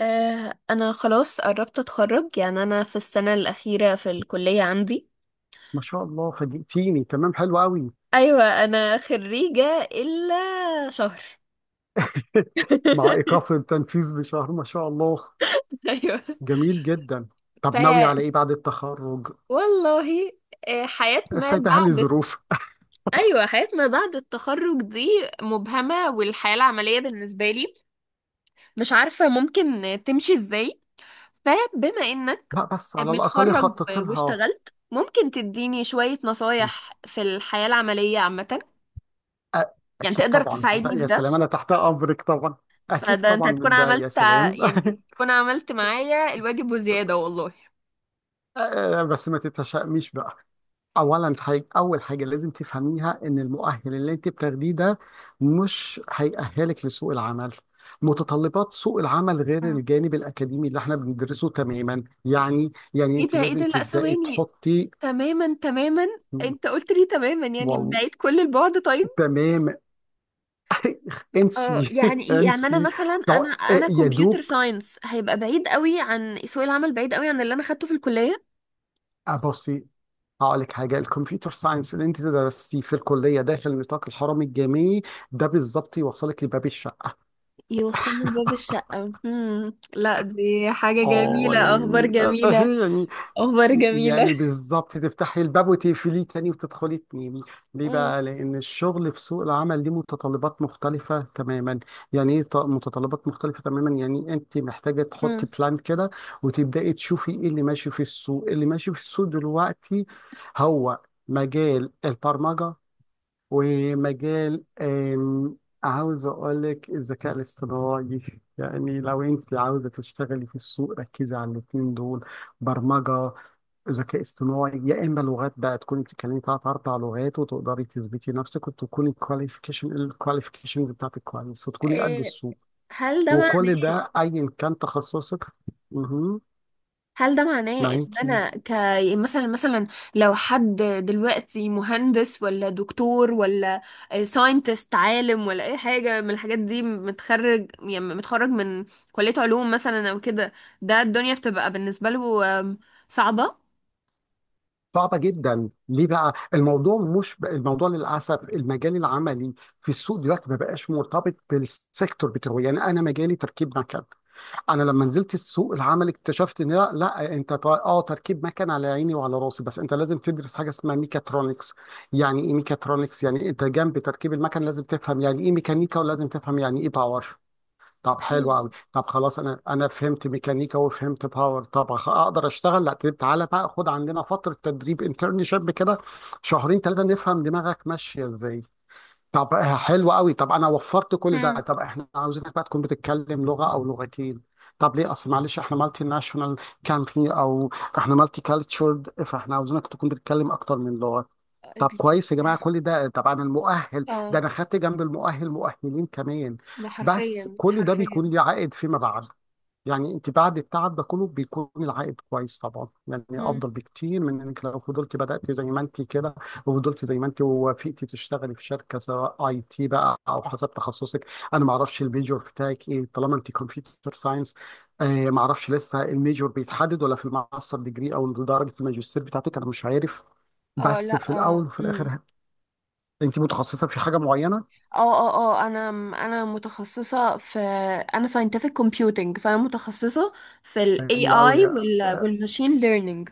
انا خلاص قربت اتخرج، يعني انا في السنة الأخيرة في الكلية عندي. ما شاء الله، فاجئتيني. تمام، حلو قوي. ايوه، انا خريجة الا شهر. مع ايقاف التنفيذ بشهر، ما شاء الله. ايوه. جميل جدا. ف طب ناوي على ايه بعد التخرج؟ والله. آه، حياة ما سايبها بعد لظروف. ايوه، حياة ما بعد التخرج دي مبهمة، والحياة العملية بالنسبة لي مش عارفة ممكن تمشي ازاي. فبما انك لا، بس على الاقل متخرج خطط لها. واشتغلت، ممكن تديني شوية نصايح في الحياة العملية عامة؟ أ- يعني اكيد تقدر طبعا، لا تساعدني في يا ده؟ سلام، انا تحت امرك طبعا. اكيد فده انت طبعا هتكون ده، يا عملت سلام. يعني تكون عملت معايا الواجب وزيادة والله. بس ما تتشائميش بقى. اول حاجه لازم تفهميها ان المؤهل اللي انت بتاخديه ده مش هيأهلك لسوق العمل. متطلبات سوق العمل غير مم. الجانب الاكاديمي اللي احنا بندرسه تماما. يعني ايه انت ده، ايه لازم ده، لا تبداي ثواني. تحطي. تماما تماما. انت قلت لي تماما، يعني واو، بعيد كل البعد. طيب. تمام. انسي. اه، يعني ايه، يعني انا انسي. مثلا، طو- انا يا كمبيوتر دوب ساينس هيبقى بعيد قوي عن سوق العمل، بعيد قوي عن اللي انا خدته في الكلية. ابصي. هقول لك حاجه، الكمبيوتر ساينس اللي انت درستيه في الكليه داخل نطاق الحرم الجامعي، ده بالظبط يوصلك لباب الشقه. يوصلني لباب الشقة. مم. لا، دي حاجة اه جميلة، يعني. اخبار جميلة. يعني، اخبار يعني جميلة. بالظبط تفتحي الباب وتقفليه تاني وتدخلي تنامي. ليه مم. بقى؟ لان الشغل في سوق العمل ليه متطلبات مختلفه تماما. يعني ايه متطلبات مختلفه تماما؟ يعني انت محتاجه تحطي مم. بلان كده وتبداي تشوفي ايه اللي ماشي في السوق. اللي ماشي في السوق دلوقتي هو مجال البرمجه ومجال، عاوز اقول لك الذكاء الاصطناعي. يعني لو انت عاوزه تشتغلي في السوق، ركزي على الاثنين دول: برمجه، ذكاء اصطناعي. يا اما لغات بقى، تكوني بتتكلمي ثلاث اربع لغات وتقدري تثبتي نفسك وتكوني الكواليفيكيشنز بتاعتك كويس وتكوني قد إيه. السوق. هل ده وكل معناه ده ايا كان تخصصك مهم. هل ده معناه ان معاكي؟ انا يعني مثلا مثلا، لو حد دلوقتي مهندس ولا دكتور ولا ساينتست عالم ولا اي حاجه من الحاجات دي، متخرج يعني متخرج من كليه علوم مثلا او كده، ده الدنيا بتبقى بالنسبه له صعبه؟ صعبة جدا. ليه بقى؟ الموضوع مش، الموضوع للأسف المجال العملي في السوق دلوقتي ما بقاش مرتبط بالسيكتور بتاعه. يعني أنا مجالي تركيب مكن، انا لما نزلت السوق العمل اكتشفت ان لا, لا، اه، تركيب مكن على عيني وعلى راسي، بس انت لازم تدرس حاجه اسمها ميكاترونكس. يعني ايه ميكاترونكس؟ يعني انت جنب تركيب المكن لازم تفهم يعني ايه ميكانيكا، ولازم تفهم يعني ايه باور. طب حلو قوي، مم. طب خلاص، انا فهمت ميكانيكا وفهمت باور، طب اقدر اشتغل؟ لا، طيب تعالى بقى خد عندنا فتره تدريب، انترنشيب كده شهرين ثلاثه نفهم دماغك ماشيه ازاي. طب، حلو قوي. طب انا وفرت كل ده، مم. طب احنا عاوزينك بقى تكون بتتكلم لغه او لغتين. طب ليه؟ اصل معلش احنا مالتي ناشونال كانتري، او احنا مالتي كالتشرد، فاحنا عاوزينك تكون بتتكلم اكتر من لغه. طب أدري. كويس يا جماعه، كل ده طبعا. المؤهل اه، ده انا خدت جنب المؤهل مؤهلين كمان. ده بس حرفيا كل ده حرفيا. بيكون ليه عائد فيما بعد. يعني انت بعد التعب ده كله بيكون العائد كويس طبعا، يعني مم. افضل بكتير من انك لو فضلت بدات زي ما انت كده وفضلت زي ما انت ووافقتي تشتغلي في شركه، سواء اي تي بقى او حسب تخصصك. انا ما اعرفش الميجور بتاعك ايه، طالما انت كمبيوتر ساينس ما اعرفش لسه الميجور بيتحدد ولا في الماستر ديجري او درجه الماجستير بتاعتك، انا مش عارف. اه، بس لا، في اه. الاول وفي مم. الاخر انت متخصصه في حاجه معينه. اه اه اه، انا متخصصه في انا scientific computing، فانا متخصصه في ال حلو قوي، AI وال machine learning.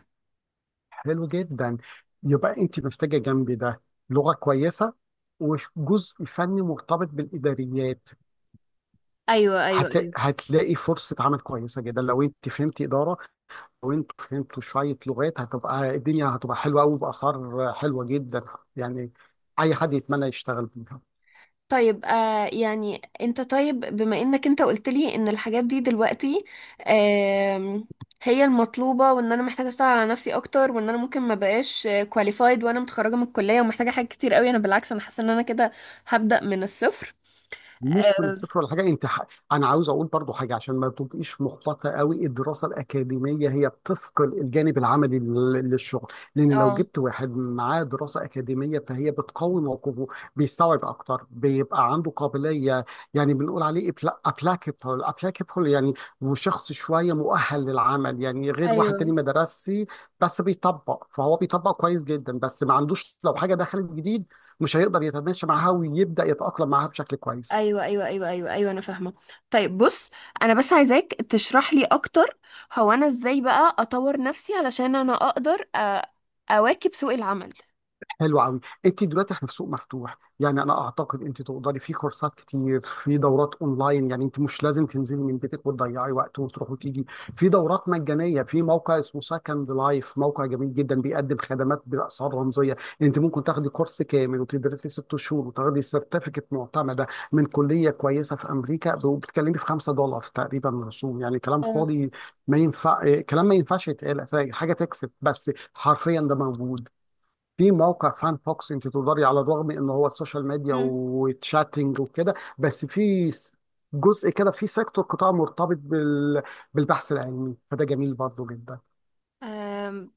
حلو جدا. يبقى انت محتاجه جنبي ده لغه كويسه وجزء فني مرتبط بالاداريات. ايوه ايوه هتلاقي، ايوه. هتلاقي فرصه عمل كويسه جدا لو انت فهمت اداره، لو انت فهمت شويه لغات هتبقى الدنيا، هتبقى حلوه قوي، باسعار حلوه جدا، يعني اي حد يتمنى يشتغل بيها. طيب، يعني انت، طيب بما انك انت قلت لي ان الحاجات دي دلوقتي آم، هي المطلوبة، وان انا محتاجة اشتغل على نفسي اكتر، وان انا ممكن ما بقاش كواليفايد وانا متخرجة من الكلية، ومحتاجة حاجات كتير قوي. انا بالعكس انا حاسة ان انا كده هبدأ من الصفر. مش من اه. الصفر ولا حاجه، انا عاوز اقول برضو حاجه عشان ما تبقيش محبطه قوي. الدراسه الاكاديميه هي بتثقل الجانب العملي للشغل، لان لو آه، جبت واحد معاه دراسه اكاديميه فهي بتقوي موقفه، بيستوعب اكتر، بيبقى عنده قابليه، يعني بنقول عليه ابلاكابل، ابلاكابل يعني، وشخص شويه مؤهل للعمل، يعني غير واحد ايوه تاني ما درسش، بس بيطبق، فهو بيطبق كويس جدا بس ما عندوش، لو حاجه دخلت جديد مش هيقدر يتماشى معاها ويبدأ يتأقلم معاها بشكل كويس. ايوه ايوه ايوه ايوه ايوه، انا فاهمه. طيب بص، انا بس عايزاك تشرح لي اكتر. هو انا ازاي بقى اطور نفسي علشان انا اقدر اواكب سوق العمل؟ حلو قوي. انت دلوقتي، احنا في سوق مفتوح، يعني انا اعتقد انت تقدري في كورسات كتير، في دورات اونلاين، يعني انت مش لازم تنزلي من بيتك وتضيعي وقت وتروحي وتيجي. في دورات مجانيه، في موقع اسمه سكند لايف، موقع جميل جدا، بيقدم خدمات باسعار رمزيه. انت ممكن تاخدي كورس كامل وتدرسي ست شهور وتاخدي سيرتيفيكت معتمده من كليه كويسه في امريكا، وبتتكلمي في $5 تقريبا رسوم. يعني كلام اه. فاضي، ما ينفع كلام، ما ينفعش يتقال أساساً، حاجه تكسب، بس حرفيا ده موجود. في موقع فان فوكس، انت تقدري على الرغم ان هو السوشيال ميديا مم. وتشاتنج وكده، بس جزء كده، في سيكتور قطاع مرتبط بالبحث العلمي، فده جميل برضه جدا. أم،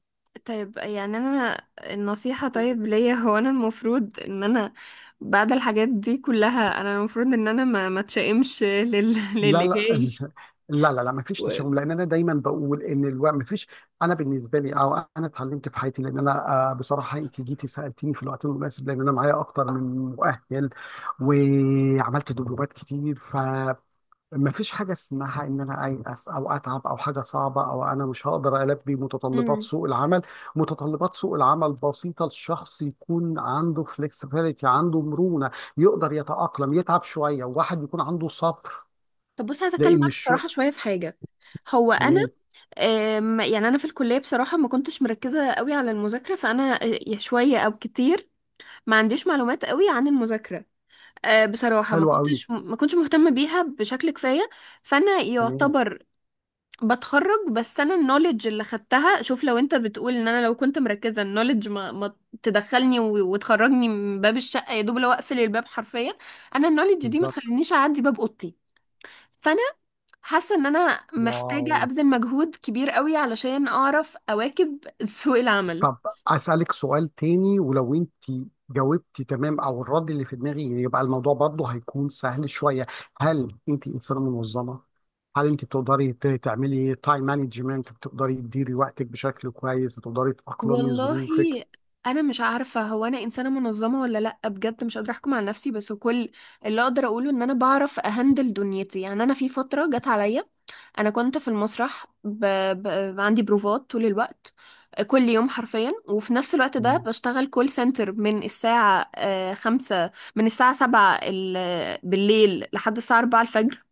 طيب، يعني انا النصيحة، طيب ليا هو انا المفروض ان انا بعد الحاجات دي كلها، انا المفروض ان انا ما اتشائمش لا للي لا. جاي. لا لا لا، ما فيش و... تشاؤم، لان انا دايما بقول ان الوقت ما فيش. انا بالنسبه لي، او انا اتعلمت في حياتي، لان انا، بصراحه انت جيتي سالتيني في الوقت المناسب، لان انا معايا اكتر من مؤهل، وعملت دبلومات كتير، مفيش حاجة اسمها إن أنا أيأس أو أتعب أو حاجة صعبة أو أنا مش هقدر ألبي متطلبات مم. سوق العمل، متطلبات سوق العمل بسيطة، الشخص يكون عنده فليكسبيليتي، عنده مرونة، يقدر يتأقلم، يتعب شوية، وواحد يكون عنده صبر طب بص، عايزة اتكلم لأن معاك الشغل، بصراحة شوية في حاجة. هو انا تمام، يعني انا في الكليه بصراحه ما كنتش مركزه قوي على المذاكره، فانا شويه او كتير ما عنديش معلومات قوي عن المذاكره. بصراحه ما حلو قوي، كنتش ما كنتش مهتمه بيها بشكل كفايه. فانا تمام، يعتبر بتخرج، بس انا النوليدج اللي خدتها، شوف لو انت بتقول ان انا لو كنت مركزه، النوليدج ما تدخلني وتخرجني من باب الشقه، يا دوب لو اقفل الباب حرفيا. انا النوليدج دي ما بالظبط، تخلينيش اعدي باب اوضتي. فانا حاسة ان انا واو. محتاجة ابذل مجهود كبير قوي علشان اعرف اواكب سوق العمل. طب أسألك سؤال تاني، ولو أنت جاوبتي تمام أو الرد اللي في دماغي يبقى الموضوع برضه هيكون سهل شوية. هل أنت إنسانة منظمة؟ هل انت بتقدري تعملي تايم مانجمنت؟ بتقدري تديري وقتك بشكل كويس؟ بتقدري تأقلمي والله ظروفك؟ انا مش عارفة، هو انا انسانة منظمة ولا لا؟ بجد مش قادرة احكم على نفسي، بس كل اللي اقدر اقوله ان انا بعرف اهندل دنيتي. يعني انا في فترة جت عليا انا كنت في المسرح عندي بروفات طول الوقت، كل يوم حرفيا، وفي نفس الوقت ده مم. بشتغل كول سنتر من الساعة آه، خمسة من الساعة 7 بالليل لحد الساعة 4 الفجر.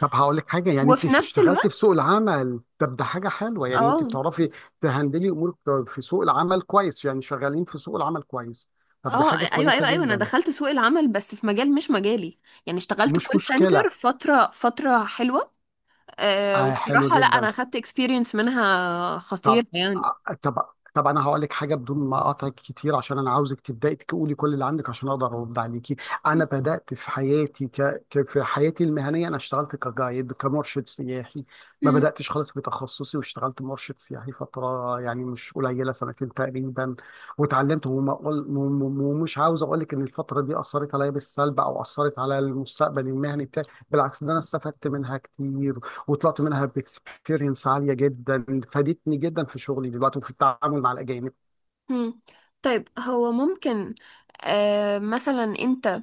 طب هقول لك حاجه، يعني انت وفي نفس اشتغلت الوقت. في سوق العمل، طب ده حاجه حلوه، يعني انت اه بتعرفي تهندلي امورك في سوق العمل كويس، يعني شغالين في سوق العمل كويس، طب ده اه حاجه ايوه ايوه كويسه ايوه، انا جدا. دخلت سوق العمل بس في مجال مش مجالي، يعني اشتغلت مش كول مشكله. سنتر فتره حلوه. آه، حلو وبصراحه لا، انا جدا. اخدت اكسبيرينس منها طب خطير يعني. طب طب انا هقول لك حاجه بدون ما اقاطعك كتير، عشان انا عاوزك تبداي تقولي كل اللي عندك عشان اقدر ارد عليكي. انا بدات في حياتي في حياتي المهنيه انا اشتغلت كجايد، كمرشد سياحي. ما مم. بداتش خالص في تخصصي، واشتغلت مرشد سياحي فتره يعني مش قليله، سنتين تقريبا، واتعلمت، وما أقول... وم- وم- ومش عاوز اقول لك ان الفتره دي اثرت عليا بالسلب او اثرت على المستقبل المهني بتاعي، بالعكس ده انا استفدت منها كتير، وطلعت منها باكسبيرينس عاليه جدا، فادتني جدا في شغلي دلوقتي وفي التعامل مع الاجانب. مم. طيب، هو ممكن مثلا انت،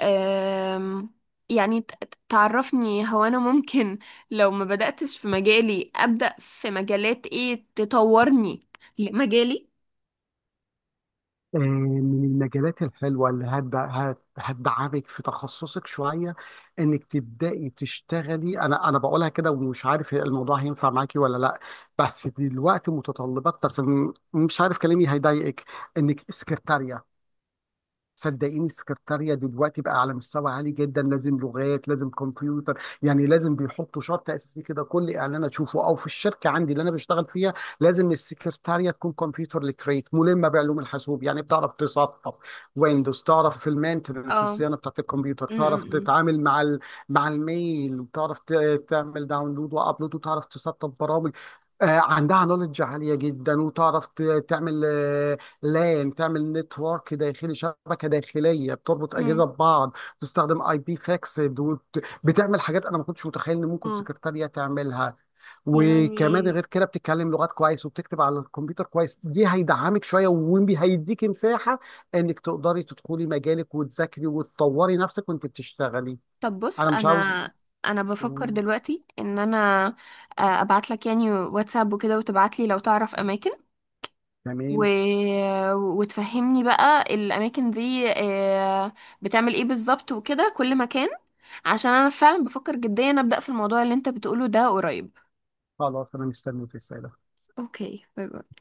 أه يعني تعرفني هو انا ممكن لو ما بدأتش في مجالي، أبدأ في مجالات ايه تطورني لمجالي؟ آه، من المجالات الحلوه اللي هتدعمك في تخصصك شويه انك تبداي تشتغلي، انا بقولها كده ومش عارف الموضوع هينفع معاكي ولا لا، بس دلوقتي متطلبات، بس مش عارف كلامي هيضايقك، انك سكرتاريه. صدقيني السكرتارية دلوقتي بقى على مستوى عالي جدا، لازم لغات، لازم كمبيوتر، يعني لازم، بيحطوا شرط اساسي كده كل اعلان اشوفه او في الشركه عندي اللي انا بشتغل فيها، لازم السكرتارية تكون كمبيوتر ليتريت، ملمه بعلوم الحاسوب، يعني بتعرف تسطب ويندوز، تعرف في المينتنس، اه. الصيانه بتاعت الكمبيوتر، مم، تعرف مم، تتعامل مع الميل، وتعرف تعمل داونلود وابلود، وتعرف تسطب برامج، آه، عندها نولج عالية جدا، وتعرف تعمل، لان تعمل نتورك داخلي، شبكه داخليه بتربط مم. اجهزه ببعض، تستخدم اي بي فاكسد، بتعمل حاجات انا ما كنتش متخيل ان ممكن مم. سكرتاريه تعملها، وكمان يعني غير كده بتتكلم لغات كويس وبتكتب على الكمبيوتر كويس، دي هيدعمك شويه وهيديكي مساحه انك تقدري تدخلي مجالك وتذاكري وتطوري نفسك وانت بتشتغلي. طب بص، انا مش عاوز، انا بفكر دلوقتي ان انا ابعت لك يعني واتساب وكده، وتبعت لي لو تعرف اماكن و... تمام، وتفهمني بقى الاماكن دي بتعمل ايه بالظبط وكده كل مكان. عشان انا فعلا بفكر جديا ابدا في الموضوع اللي انت بتقوله ده قريب. خلاص انا مستنيك، السلام. اوكي، باي باي.